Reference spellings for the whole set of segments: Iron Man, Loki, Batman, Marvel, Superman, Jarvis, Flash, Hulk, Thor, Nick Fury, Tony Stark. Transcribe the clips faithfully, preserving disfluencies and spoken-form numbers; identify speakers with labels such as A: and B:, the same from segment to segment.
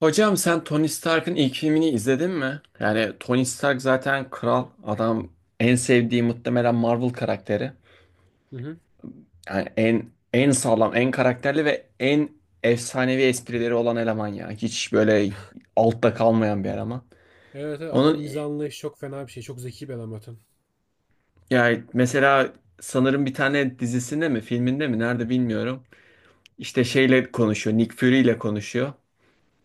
A: Hocam sen Tony Stark'ın ilk filmini izledin mi? Yani Tony Stark zaten kral adam, en sevdiği muhtemelen Marvel karakteri.
B: Hı hı.
A: Yani en en sağlam, en karakterli ve en efsanevi esprileri olan eleman ya. Hiç böyle altta kalmayan bir eleman.
B: Evet, evet adamın
A: Onun
B: mizah anlayışı çok fena bir şey. Çok zeki bir adam zaten.
A: yani mesela sanırım bir tane dizisinde mi, filminde mi nerede bilmiyorum. İşte şeyle konuşuyor, Nick Fury ile konuşuyor.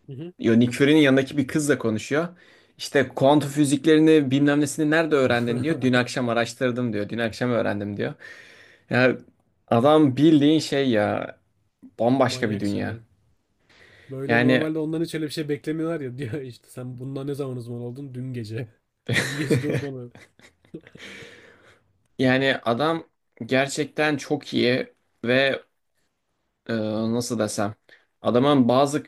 B: Hı hı.
A: Yo, Nick Fury'nin yanındaki bir kızla konuşuyor. İşte kuantum füziklerini bilmem nesini nerede öğrendin diyor. Dün akşam araştırdım diyor. Dün akşam öğrendim diyor. Ya adam bildiğin şey ya,
B: Çok
A: bambaşka bir
B: manyak işler
A: dünya.
B: yani. Böyle
A: Yani
B: normalde ondan hiç öyle bir şey beklemiyorlar ya. Diyor işte sen bundan ne zaman uzman oldun? Dün gece. Bir gecede uzman oldun.
A: yani adam gerçekten çok iyi ve e, nasıl desem, adamın bazı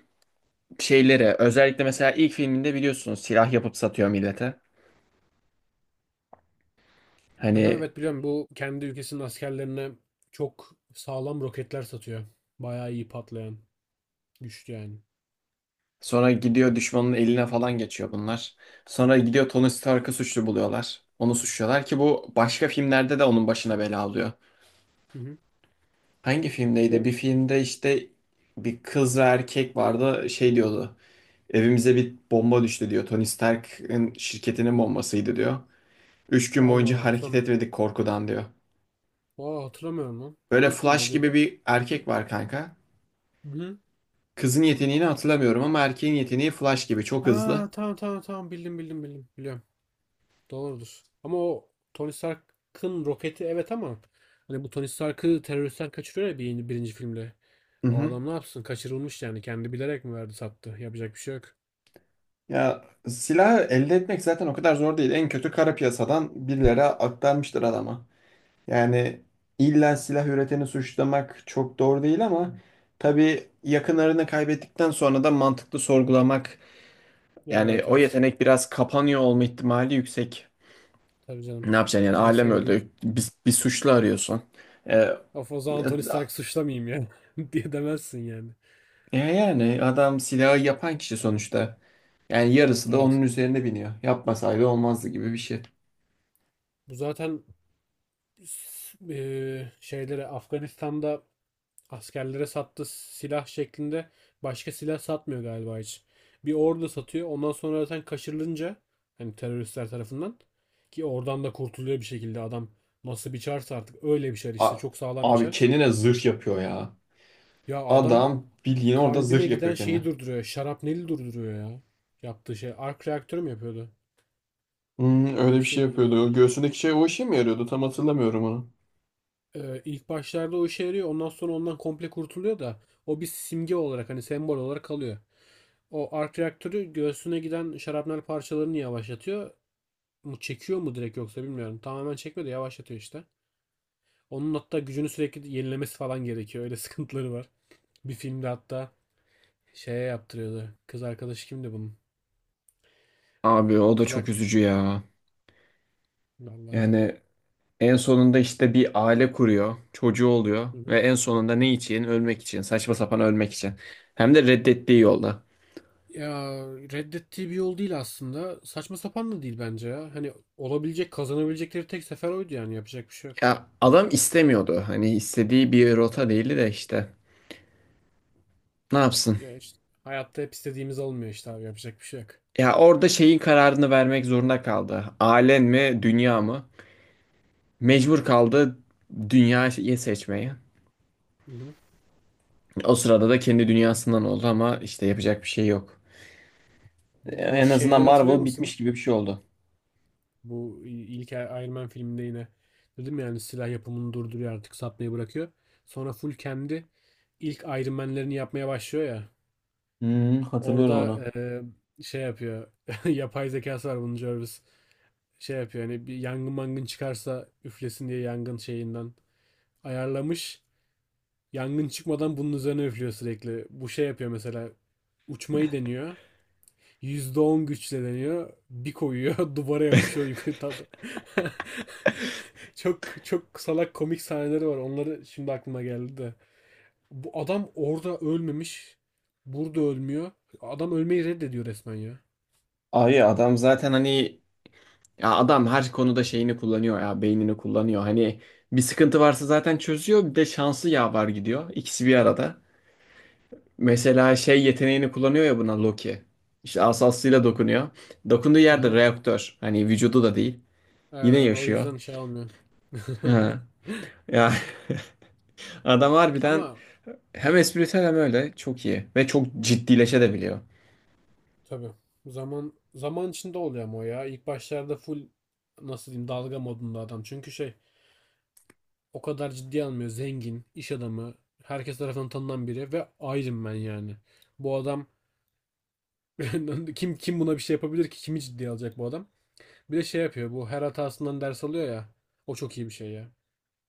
A: şeyleri, özellikle mesela ilk filminde biliyorsunuz, silah yapıp satıyor millete.
B: Aha,
A: Hani
B: evet biliyorum, bu kendi ülkesinin askerlerine çok sağlam roketler satıyor. Bayağı iyi patlayan. Güçlü yani.
A: sonra gidiyor düşmanın eline falan geçiyor bunlar. Sonra gidiyor Tony Stark'ı suçlu buluyorlar. Onu suçluyorlar ki bu başka filmlerde de onun başına bela alıyor.
B: Hı hı.
A: Hangi filmdeydi?
B: O
A: Bir filmde işte bir kız ve erkek vardı, şey diyordu. Evimize bir bomba düştü diyor. Tony Stark'ın şirketinin bombasıydı diyor. Üç gün
B: Allah Allah
A: boyunca hareket
B: hatırlamıyorum.
A: etmedik korkudan diyor.
B: Aa hatırlamıyorum lan.
A: Böyle
B: Hangi filmde
A: Flash gibi
B: oluyordu?
A: bir erkek var kanka.
B: Hı hı.
A: Kızın yeteneğini hatırlamıyorum ama erkeğin yeteneği Flash gibi çok hızlı.
B: Ha tamam tamam tamam, bildim bildim bildim. Biliyorum. Doğrudur. Ama o Tony Stark'ın roketi, evet, ama hani bu Tony Stark'ı teröristten kaçırıyor ya bir, birinci filmde.
A: Hı
B: O
A: hı.
B: adam ne yapsın? Kaçırılmış yani. Kendi bilerek mi verdi, sattı? Yapacak bir şey yok.
A: Ya silahı elde etmek zaten o kadar zor değil. En kötü kara piyasadan birilere aktarmıştır adama. Yani illa silah üreteni suçlamak çok doğru değil
B: Hı.
A: ama tabii yakınlarını kaybettikten sonra da mantıklı sorgulamak,
B: Ya
A: yani
B: evet
A: o
B: evet.
A: yetenek biraz kapanıyor olma ihtimali yüksek.
B: Tabii canım.
A: Ne yapacaksın yani,
B: En
A: ailem
B: sevdiğin.
A: öldü. Bir, bir suçlu arıyorsun. Ee,
B: Of, o zaman Tony Stark'ı suçlamayayım ya. diye demezsin yani.
A: ya- yani adam silahı yapan kişi sonuçta. Yani yarısı da
B: Evet.
A: onun üzerine biniyor. Yapmasaydı olmazdı gibi bir şey.
B: Bu zaten s- eee, Şeylere Afganistan'da askerlere sattığı silah şeklinde başka silah satmıyor galiba hiç. Bir ordu satıyor. Ondan sonra zaten kaçırılınca, hani teröristler tarafından, ki oradan da kurtuluyor bir şekilde adam, nasıl bir çarsa artık, öyle bir şer işte,
A: A-
B: çok sağlam bir
A: abi
B: şer.
A: kendine zırh yapıyor ya.
B: Ya adam
A: Adam bildiğin orada zırh
B: kalbine giden
A: yapıyor kendine.
B: şeyi durduruyor. Şarapneli durduruyor ya. Yaptığı şey. Ark reaktörü mü yapıyordu?
A: Hmm,
B: Öyle
A: öyle
B: bir
A: bir
B: şey
A: şey
B: yapıyordu
A: yapıyordu.
B: galiba.
A: O göğsündeki şey o işe mi yarıyordu? Tam hatırlamıyorum onu.
B: Ee, ilk başlarda o işe yarıyor. Ondan sonra ondan komple kurtuluyor da o bir simge olarak, hani sembol olarak kalıyor. O ark reaktörü göğsüne giden şarapnel parçalarını yavaşlatıyor. Mu çekiyor mu direkt, yoksa bilmiyorum. Tamamen çekmiyor da yavaşlatıyor işte. Onun hatta gücünü sürekli yenilemesi falan gerekiyor. Öyle sıkıntıları var. Bir filmde hatta şeye yaptırıyordu. Kız arkadaşı kimdi bunun?
A: Abi o da çok
B: Kızak.
A: üzücü ya.
B: Vallahi.
A: Yani en sonunda işte bir aile kuruyor, çocuğu oluyor
B: Hı hı.
A: ve en sonunda ne için? Ölmek için, saçma sapan ölmek için. Hem de reddettiği yolda.
B: Ya reddettiği bir yol değil aslında. Saçma sapan da değil bence ya. Hani olabilecek, kazanabilecekleri tek sefer oydu yani. Yapacak bir şey yok.
A: Ya adam istemiyordu. Hani istediği bir rota değildi de işte. Ne yapsın?
B: Ya işte hayatta hep istediğimiz olmuyor işte abi. Yapacak bir şey yok.
A: Ya orada şeyin kararını vermek zorunda kaldı. Ailen mi, dünya mı? Mecbur kaldı dünyayı seçmeye.
B: Hı hı.
A: O sırada da kendi dünyasından oldu ama işte yapacak bir şey yok.
B: Bu, bu
A: En azından
B: şeyleri hatırlıyor
A: Marvel
B: musun?
A: bitmiş gibi bir şey oldu.
B: Bu ilk Iron Man filminde yine dedim ya, yani silah yapımını durduruyor, artık satmayı bırakıyor. Sonra full kendi ilk Iron Man'lerini yapmaya başlıyor ya.
A: Hmm, hatırlıyorum
B: Orada
A: onu.
B: e, şey yapıyor. Yapay zekası var bunun, Jarvis. Şey yapıyor, hani bir yangın mangın çıkarsa üflesin diye yangın şeyinden ayarlamış. Yangın çıkmadan bunun üzerine üflüyor sürekli. Bu şey yapıyor, mesela uçmayı deniyor. yüzde on güçle deniyor. Bir koyuyor duvara yapışıyor yukarı ta- ta- Çok çok salak komik sahneleri var. Onları şimdi aklıma geldi de. Bu adam orada ölmemiş. Burada ölmüyor. Adam ölmeyi reddediyor resmen ya.
A: Abi adam zaten hani, ya adam her konuda şeyini kullanıyor ya, beynini kullanıyor. Hani bir sıkıntı varsa zaten çözüyor, bir de şansı yaver gidiyor. İkisi bir arada. Mesela şey yeteneğini kullanıyor ya buna Loki. İşte asasıyla
B: Ne?
A: dokunuyor. Dokunduğu yerde
B: Aha.
A: reaktör. Hani vücudu da değil.
B: Evet,
A: Yine
B: evet, o
A: yaşıyor.
B: yüzden şey almıyor.
A: Ha. Ya adam harbiden
B: Ama
A: hem espritüel hem öyle çok iyi ve çok ciddileşebiliyor.
B: tabii zaman zaman içinde oluyor ama o ya. İlk başlarda full nasıl diyeyim, dalga modunda adam. Çünkü şey, o kadar ciddi almıyor. Zengin, iş adamı, herkes tarafından tanınan biri ve Iron ben yani. Bu adam kim kim buna bir şey yapabilir ki? Kimi ciddiye alacak bu adam? Bir de şey yapıyor. Bu her hatasından ders alıyor ya. O çok iyi bir şey ya.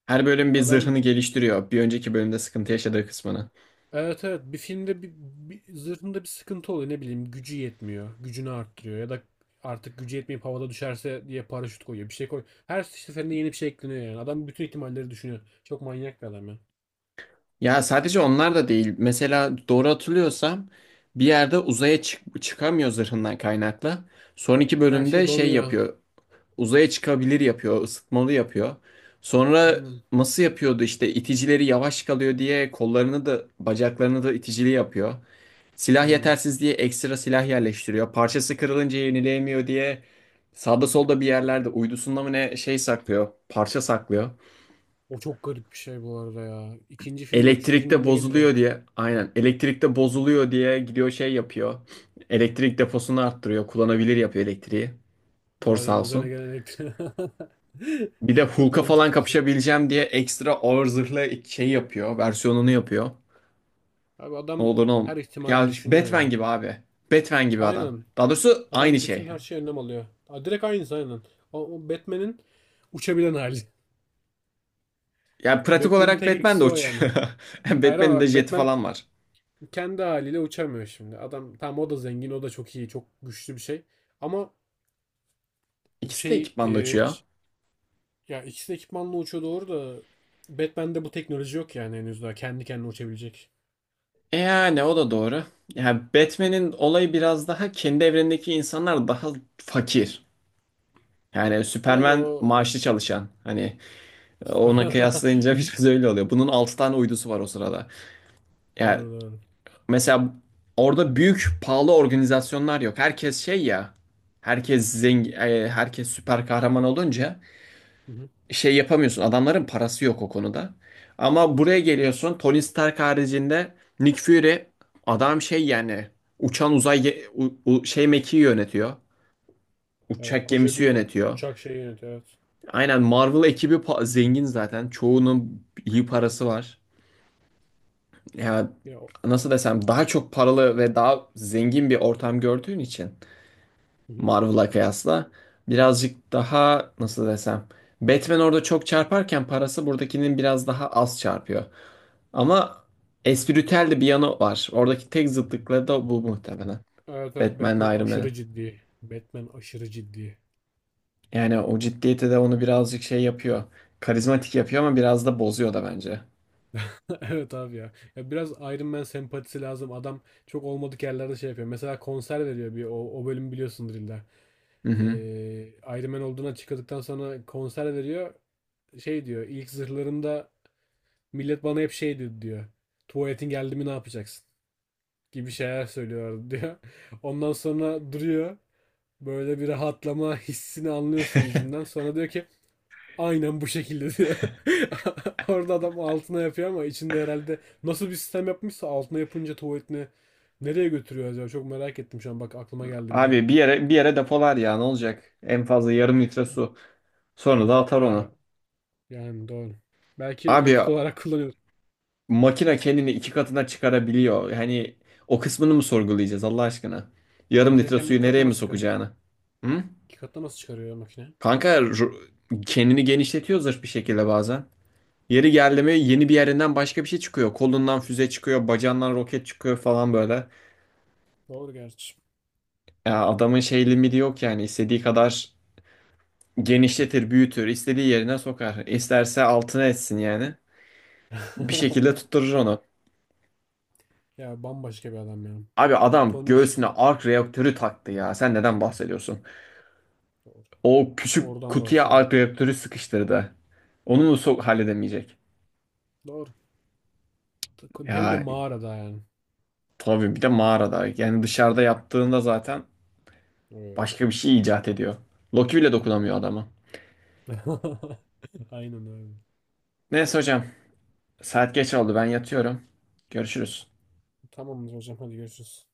A: Her bölüm bir
B: Adam
A: zırhını geliştiriyor. Bir önceki bölümde sıkıntı yaşadığı kısmını.
B: evet evet, bir filmde bir, bir zırhında bir sıkıntı oluyor, ne bileyim gücü yetmiyor, gücünü arttırıyor ya da artık gücü yetmeyip havada düşerse diye paraşüt koyuyor, bir şey koy. Her seferinde yeni bir şey ekleniyor yani, adam bütün ihtimalleri düşünüyor. Çok manyak bir adam ya.
A: Ya sadece onlar da değil. Mesela doğru hatırlıyorsam bir yerde uzaya çık çıkamıyor zırhından kaynaklı. Son iki
B: Her
A: bölümde
B: şey
A: şey
B: donuyor.
A: yapıyor. Uzaya çıkabilir yapıyor, ısıtmalı yapıyor. Sonra
B: Aynen
A: nasıl yapıyordu işte, iticileri yavaş kalıyor diye kollarını da bacaklarını da iticili yapıyor. Silah
B: aynen.
A: yetersiz diye ekstra silah yerleştiriyor. Parçası kırılınca yenileyemiyor diye sağda solda bir yerlerde uydusunda mı ne, şey saklıyor, parça saklıyor.
B: O çok garip bir şey bu arada ya. İkinci filmde, üçüncü
A: Elektrikte
B: filmde geliyor.
A: bozuluyor diye, aynen elektrikte bozuluyor diye gidiyor şey yapıyor. Elektrik deposunu arttırıyor, kullanabilir yapıyor elektriği.
B: Evet
A: Thor
B: evet,
A: sağ
B: üzerine
A: olsun.
B: gelerek.
A: Bir de
B: Çok
A: Hulk'a falan
B: mantıklı bir şey.
A: kapışabileceğim diye ekstra ağır zırhlı şey yapıyor. Versiyonunu yapıyor.
B: Abi
A: Ne
B: adam
A: olur ne olmaz.
B: her
A: Ya
B: ihtimali
A: işte
B: düşünüyor
A: Batman
B: ya.
A: gibi abi. Batman gibi adam.
B: Aynen.
A: Daha doğrusu aynı
B: Adam bütün
A: şey.
B: her şeye önlem alıyor. Aa, direkt aynısı aynen. O, o Batman'in uçabilen hali.
A: Yani pratik
B: Batman'in
A: olarak
B: tek
A: Batman de
B: eksisi o yani.
A: uçuyor.
B: Hayır ama
A: Batman'in de
B: bak,
A: jeti
B: Batman
A: falan var.
B: kendi haliyle uçamıyor şimdi. Adam tamam, o da zengin, o da çok iyi, çok güçlü bir şey. Ama bu
A: İkisi de
B: şey e,
A: ekipmanla uçuyor.
B: ç- ya ikisi de ekipmanla uçuyor doğru da, Batman'de bu teknoloji yok yani henüz daha kendi kendine uçabilecek.
A: E yani o da doğru. Yani Batman'in olayı biraz daha, kendi evrenindeki insanlar daha fakir. Yani
B: Doğru
A: Superman
B: o.
A: maaşlı çalışan. Hani ona kıyaslayınca biraz öyle oluyor. Bunun altı tane uydusu var o sırada. Yani
B: Doğru doğru.
A: mesela orada büyük pahalı organizasyonlar yok. Herkes şey ya. Herkes zengin, e, herkes süper kahraman olunca
B: Hı hı.
A: şey yapamıyorsun. Adamların parası yok o konuda. Ama buraya geliyorsun. Tony Stark haricinde Nick Fury, adam şey yani uçan uzay ge- u- u- şey mekiği yönetiyor.
B: Evet,
A: Uçak
B: koca
A: gemisi
B: bir
A: yönetiyor.
B: uçak şeyi yönetiyor, evet.
A: Aynen Marvel ekibi pa- zengin zaten. Çoğunun iyi parası var. Ya
B: Ya, o-
A: nasıl desem, daha çok paralı ve daha zengin bir ortam gördüğün için
B: hı hı.
A: Marvel'a kıyasla. Birazcık daha nasıl desem. Batman orada çok çarparken parası buradakinin biraz daha az çarpıyor. Ama espritüel de bir yanı var. Oradaki tek zıtlıkları da bu muhtemelen.
B: Evet evet, Batman
A: Batman'le Iron Man'in.
B: aşırı ciddi. Batman aşırı ciddi.
A: Yani o ciddiyeti de onu birazcık şey yapıyor. Karizmatik yapıyor ama biraz da bozuyor da bence.
B: Evet abi ya. Ya biraz Iron Man sempatisi lazım. Adam çok olmadık yerlerde şey yapıyor. Mesela konser veriyor, bir o, o bölüm biliyorsundur illa.
A: Hı
B: Ee,
A: hı.
B: Iron Man olduğuna açıkladıktan sonra konser veriyor. Şey diyor. İlk zırhlarımda millet bana hep şey dedi diyor. Tuvaletin geldi mi ne yapacaksın? Gibi şeyler söylüyor diyor. Ondan sonra duruyor. Böyle bir rahatlama hissini anlıyorsun yüzünden. Sonra diyor ki aynen bu şekilde diyor. Orada adam altına yapıyor, ama içinde herhalde nasıl bir sistem yapmışsa altına yapınca tuvaletini nereye götürüyor acaba? Çok merak ettim şu an. Bak aklıma geldi bir de.
A: Abi bir yere bir yere depolar ya, ne olacak? En fazla yarım litre su. Sonra da atar
B: Ya
A: onu.
B: yani doğru. Belki
A: Abi
B: yakıt olarak kullanıyor.
A: makine kendini iki katına çıkarabiliyor. Hani o kısmını mı sorgulayacağız Allah aşkına? Yarım
B: Makine
A: litre
B: kendi ilk
A: suyu nereye
B: katına
A: mi
B: nasıl çıkarıyor?
A: sokacağını? Hı?
B: İki katına nasıl çıkarıyor ya makine?
A: Kanka ru- kendini genişletiyor zırh bir şekilde bazen. Yeri geldi mi yeni bir yerinden başka bir şey çıkıyor. Kolundan füze çıkıyor, bacağından roket çıkıyor falan böyle.
B: Doğru gerçi.
A: Ya adamın şey limiti yok yani. İstediği kadar genişletir, büyütür, istediği yerine sokar. İsterse altına etsin yani. Bir şekilde tutturur onu.
B: Ya bambaşka bir adam ya.
A: Abi adam
B: Tony
A: göğsüne
B: için
A: ark reaktörü taktı ya. Sen neden bahsediyorsun?
B: doğru.
A: O küçük
B: Oradan
A: kutuya
B: bahsediyor.
A: Alp reaktörü sıkıştırdı. Onu mu sok halledemeyecek?
B: Doğru. Hem de
A: Ya
B: mağarada yani.
A: tabii bir de mağarada. Yani dışarıda yaptığında zaten
B: Evet.
A: başka bir şey icat ediyor. Loki bile dokunamıyor adama.
B: Aynen öyle.
A: Neyse hocam, saat geç oldu, ben yatıyorum. Görüşürüz.
B: Tamamdır hocam, hadi görüşürüz.